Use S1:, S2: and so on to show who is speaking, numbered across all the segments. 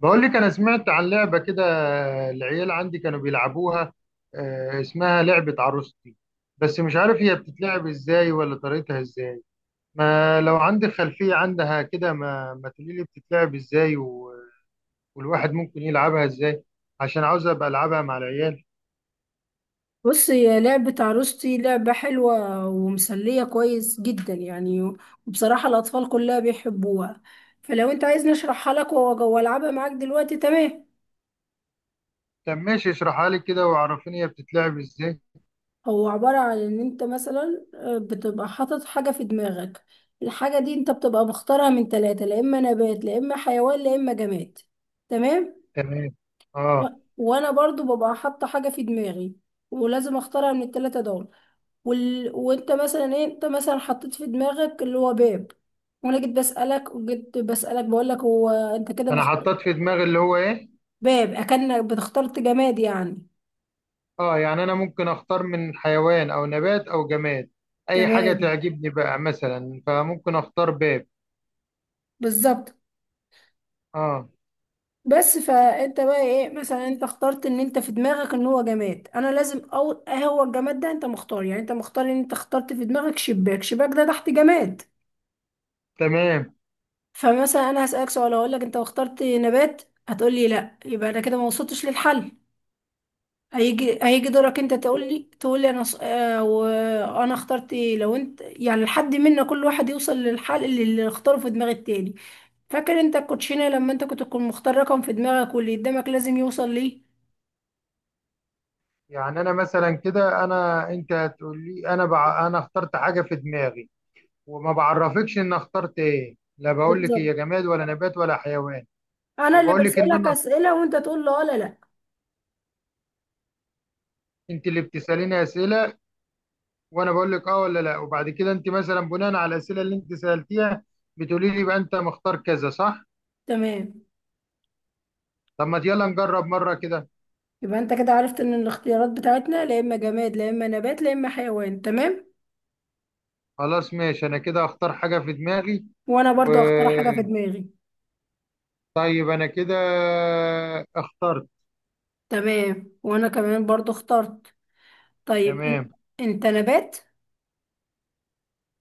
S1: بقول لك انا سمعت عن لعبه كده. العيال عندي كانوا بيلعبوها. آه، اسمها لعبه عروستي. بس مش عارف هي بتتلعب ازاي ولا طريقتها ازاي. ما لو عندك خلفيه عنها كده ما تقولي لي بتتلعب ازاي والواحد ممكن يلعبها ازاي، عشان عاوز ابقى العبها مع العيال.
S2: بص هي لعبة عروستي لعبة حلوة ومسلية كويس جدا يعني، وبصراحة الأطفال كلها بيحبوها. فلو أنت عايز نشرحها لك وألعبها معاك دلوقتي تمام.
S1: طب ماشي اشرحها لي كده وعرفيني هي بتتلعب ازاي.
S2: هو عبارة عن إن أنت مثلا بتبقى حاطط حاجة في دماغك. الحاجة دي أنت بتبقى مختارها من ثلاثة، لا إما نبات لا إما حيوان لا إما جماد. تمام.
S1: تمام.
S2: و-
S1: اه.
S2: وأنا برضو ببقى حاطة حاجة في دماغي ولازم أختارها من الثلاثة دول. وانت مثلا ايه، انت مثلا حطيت في دماغك اللي هو باب، وانا جيت بسألك وجيت بسألك بقول لك هو انت كده
S1: انا
S2: مختار
S1: حطيت في دماغي اللي هو ايه؟
S2: باب، اكنك بتخترت جماد يعني.
S1: اه، يعني انا ممكن اختار من حيوان او نبات او جماد، اي حاجه
S2: تمام
S1: تعجبني بقى مثلا فممكن اختار باب.
S2: بالظبط.
S1: اه.
S2: بس فانت بقى ايه، مثلا انت اخترت ان انت في دماغك ان هو جماد، انا لازم او هو الجماد ده انت مختار، يعني انت مختار ان انت اخترت في دماغك شباك، شباك ده تحت جماد.
S1: تمام.
S2: فمثلا انا هسألك سؤال، اقول لك انت اخترت نبات، هتقول لي لا، يبقى انا كده ما وصلتش للحل. هيجي دورك، انت تقول لي انا ص... آه وانا اخترت ايه، لو انت يعني لحد منا كل واحد يوصل للحل اللي اختاره في دماغ التاني. فاكر انت الكوتشينه لما انت كنت تكون مختار رقم في دماغك واللي قدامك لازم يوصل ليه.
S1: يعني انا مثلا كده انت هتقول لي انا اخترت حاجه في دماغي، وما بعرفكش ان اخترت ايه، لا بقول لك
S2: بالظبط.
S1: هي جماد ولا نبات ولا حيوان.
S2: انا اللي
S1: وبقول لك ان
S2: بسألك
S1: انا.
S2: اسئله وانت تقول لي اه، لا لا.
S1: انت اللي بتساليني اسئله، وانا بقول لك اه ولا لا، وبعد كده انت مثلا بناء على الاسئله اللي انت سالتيها بتقولي لي بقى انت مختار كذا صح؟
S2: تمام.
S1: طب ما يلا نجرب مره كده.
S2: يبقى انت كده عرفت ان الاختيارات بتاعتنا لا اما جماد لا اما نبات لا اما حيوان. تمام.
S1: خلاص ماشي انا كده اختار حاجة في دماغي.
S2: وانا
S1: و
S2: برضو اختار حاجه في دماغي.
S1: طيب انا كده اخترت.
S2: تمام، وانا كمان برضو اخترت. طيب انت
S1: تمام.
S2: انت نبات؟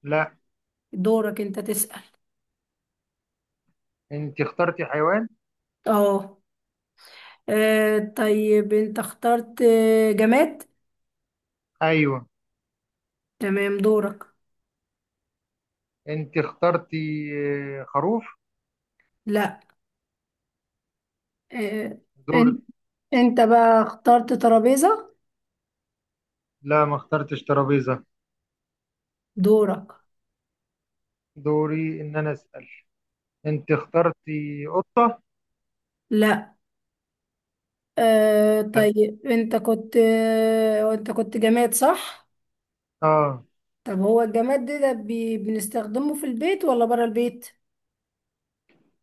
S1: لا.
S2: دورك انت تسأل.
S1: انت اخترتي حيوان.
S2: اه. طيب انت اخترت جماد؟
S1: ايوه.
S2: تمام دورك.
S1: انت اخترتي خروف.
S2: لا. آه، آه، ان-
S1: دورك.
S2: انت بقى اخترت ترابيزة؟
S1: لا ما اخترتش ترابيزة.
S2: دورك.
S1: دوري ان انا اسأل. انت اخترتي قطة.
S2: لا.
S1: لا.
S2: طيب انت كنت، انت كنت جماد صح؟
S1: اه.
S2: طب هو الجماد ده بنستخدمه في البيت ولا برا البيت؟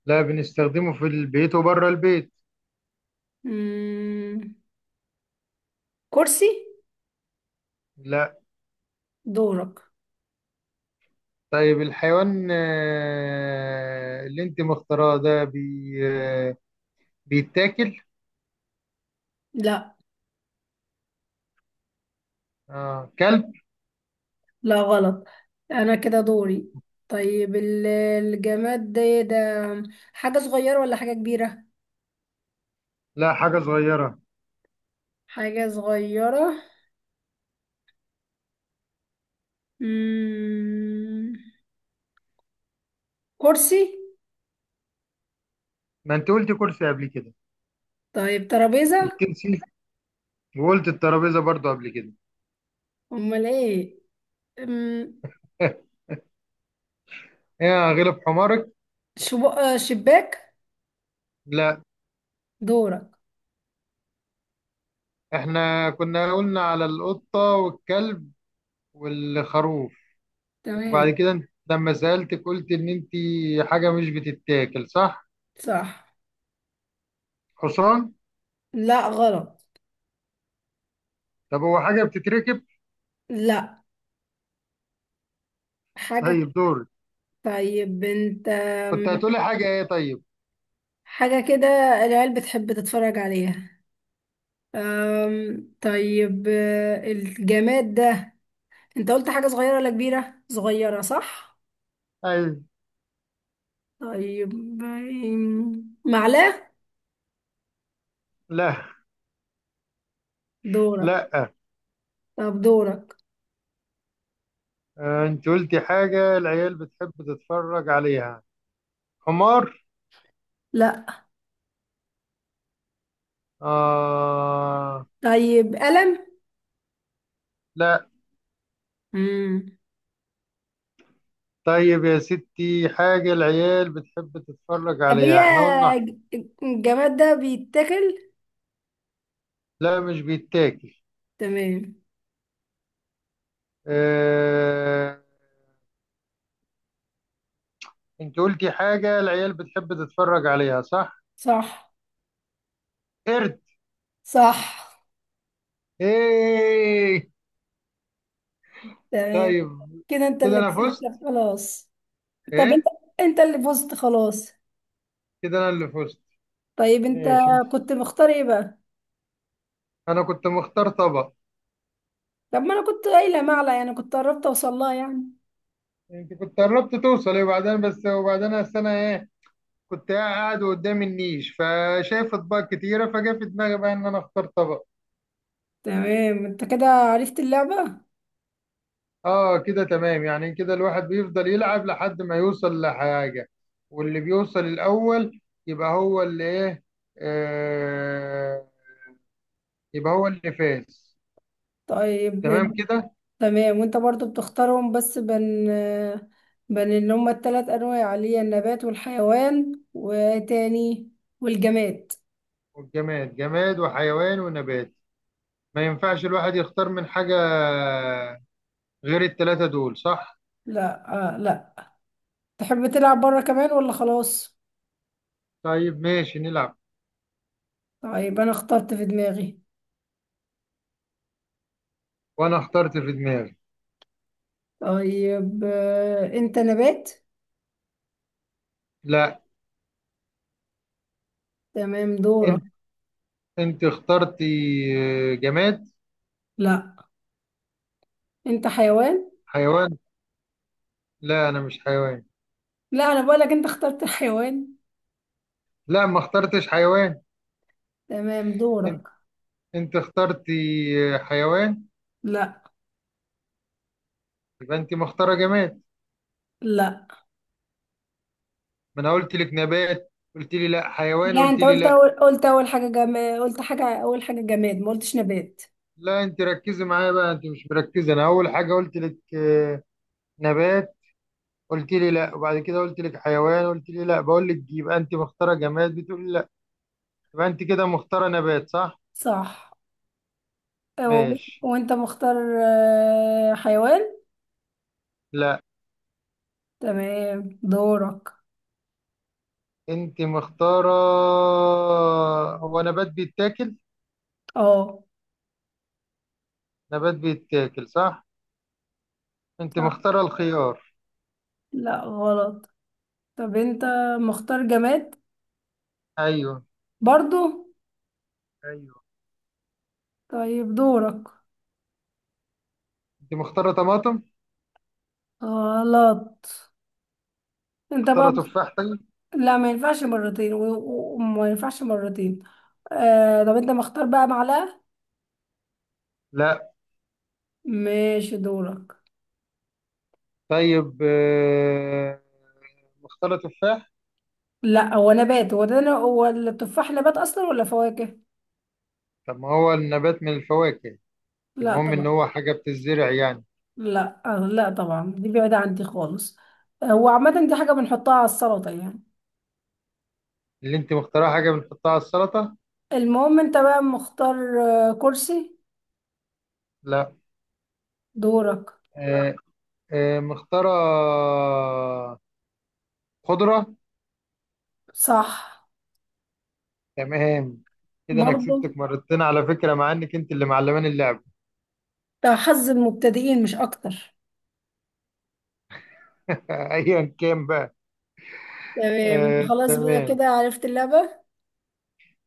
S1: لا، بنستخدمه في البيت وبره البيت.
S2: مم. كرسي؟
S1: لا.
S2: دورك.
S1: طيب الحيوان اللي انت مختاراه ده آه، بيتاكل؟
S2: لا.
S1: اه كلب.
S2: لا غلط. انا كده دوري. طيب الجماد ده إيه ده؟ حاجة صغيرة ولا حاجة كبيرة؟
S1: لا. حاجة صغيرة.
S2: حاجة صغيرة. مم... كرسي؟
S1: ما انت قلت كرسي قبل كده.
S2: طيب
S1: انت
S2: ترابيزة؟
S1: الكرسي، وقلت الترابيزة برضو قبل كده.
S2: امال ايه؟ مم...
S1: يا غلب حمارك.
S2: شب... آه، شباك؟
S1: لا.
S2: دورك.
S1: احنا كنا قلنا على القطة والكلب والخروف. وبعد
S2: تمام
S1: كده انت لما سألتك قلت ان انت حاجة مش بتتاكل صح؟
S2: صح.
S1: حصان.
S2: لا غلط.
S1: طب هو حاجة بتتركب؟
S2: لا حاجة
S1: طيب دور.
S2: طيب انت،
S1: كنت هتقولي حاجة ايه طيب؟
S2: حاجة كده العيال بتحب تتفرج عليها. طيب الجماد ده، انت قلت حاجة صغيرة ولا كبيرة؟ صغيرة صح؟
S1: ايوه.
S2: طيب معلقة؟
S1: لا.
S2: دورك.
S1: لا.
S2: طب دورك.
S1: اه، انت قلتي حاجة العيال بتحب تتفرج عليها. حمار.
S2: لا.
S1: آه.
S2: طيب قلم؟
S1: لا.
S2: امم
S1: طيب يا ستي حاجة العيال بتحب تتفرج
S2: طب هي
S1: عليها احنا قلنا.
S2: ج- الجماد ده بيتاكل؟
S1: لا مش بيتاكل.
S2: تمام.
S1: اه... انت قلتي حاجة العيال بتحب تتفرج عليها صح؟
S2: صح.
S1: قرد.
S2: صح
S1: ايه.
S2: تمام.
S1: طيب.
S2: كده انت
S1: كده
S2: اللي
S1: انا فزت.
S2: كسبت خلاص. طب انت
S1: ايه.
S2: انت اللي فزت خلاص.
S1: كده انا اللي فزت.
S2: طيب انت
S1: ماشي. مش
S2: كنت مختار ايه بقى؟
S1: انا كنت مختار طبق.
S2: طب ما انا كنت قايلة معلقة يعني، كنت قربت اوصل لها يعني.
S1: انت كنت قربت توصلي وبعدين بس وبعدين أصل انا ايه، كنت قاعد قدام النيش فشايف اطباق كتيرة فجا في دماغي بقى ان انا اختار طبق.
S2: تمام. انت كده عرفت اللعبة؟
S1: اه كده تمام، يعني كده الواحد بيفضل يلعب لحد ما يوصل لحاجة، واللي بيوصل الأول يبقى هو اللي ايه، آه يبقى هو اللي فاز.
S2: طيب
S1: تمام كده.
S2: تمام. وانت برضو بتختارهم بس بين اللي هما التلات انواع اللي هي النبات والحيوان والجماد.
S1: والجماد جماد وحيوان ونبات. ما ينفعش الواحد يختار من حاجة غير التلاتة دول صح؟
S2: لا، آه، لا. تحب تلعب بره كمان ولا خلاص؟
S1: طيب ماشي نلعب.
S2: طيب انا اخترت في دماغي.
S1: وانا اخترت في دماغي.
S2: طيب انت نبات؟
S1: لا.
S2: تمام دورك.
S1: انت انت اخترتي جماد.
S2: لا، انت حيوان.
S1: حيوان. لا انا مش حيوان.
S2: لا انا بقولك انت اخترت الحيوان.
S1: لا ما اخترتش حيوان.
S2: تمام دورك.
S1: انت اخترتي حيوان.
S2: لا
S1: يبقى انت مختاره جماد.
S2: لا
S1: ما انا قلت لك نبات قلت لي لا، حيوان
S2: لا.
S1: قلت
S2: انت
S1: لي لا.
S2: قلت اول حاجة جماد، قلت حاجة اول حاجة جماد، ما قلتش نبات.
S1: لا انت ركزي معايا بقى، انت مش مركزه، انا اول حاجه قلت لك نبات، قلت لي لا، وبعد كده قلت لك حيوان قلت لي لا، بقول لك يبقى انت مختاره جماد بتقولي لا. يبقى انت كده مختاره نبات صح؟
S2: صح.
S1: ماشي.
S2: وانت مختار حيوان؟
S1: لا.
S2: تمام دورك.
S1: انت مختاره. هو نبات بيتاكل؟
S2: اه.
S1: نبات بيتاكل صح. انت
S2: صح.
S1: مختاره الخيار.
S2: لا غلط. طب انت مختار جماد
S1: ايوه.
S2: برضو؟
S1: ايوه.
S2: طيب دورك.
S1: انت مختاره طماطم.
S2: غلط. انت بقى
S1: مختارة تفاحتي.
S2: لا ما ينفعش مرتين، وما ينفعش مرتين. طب انت مختار بقى معلقة؟
S1: لا.
S2: ماشي دورك.
S1: طيب مختارة تفاح.
S2: لا هو نبات، هو ده، هو التفاح نبات اصلا ولا فواكه؟
S1: طب ما هو النبات من الفواكه.
S2: لا
S1: المهم ان
S2: طبعا.
S1: هو حاجة بتزرع يعني.
S2: لا، لا طبعا، دي بعيدة عندي خالص. هو عامة دي حاجة بنحطها على السلطة يعني.
S1: اللي انت مختارها حاجة بنحطها على السلطة.
S2: المهم انت بقى مختار كرسي؟
S1: لا.
S2: دورك.
S1: آه، مختارة خضرة.
S2: صح
S1: تمام. كده انا
S2: برضو.
S1: كسبتك مرتين على فكرة مع انك انت اللي معلمان اللعب.
S2: ده حظ المبتدئين مش اكتر.
S1: ايا كان بقى.
S2: تمام انت
S1: آه،
S2: خلاص بقى
S1: تمام.
S2: كده عرفت اللعبة.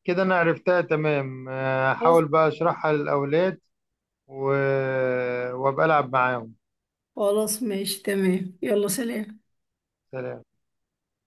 S1: كده انا عرفتها تمام،
S2: خلاص.
S1: هحاول بقى اشرحها للاولاد. و... وابقى العب معاهم.
S2: خلاص ماشي تمام، يلا سلام.
S1: سلام.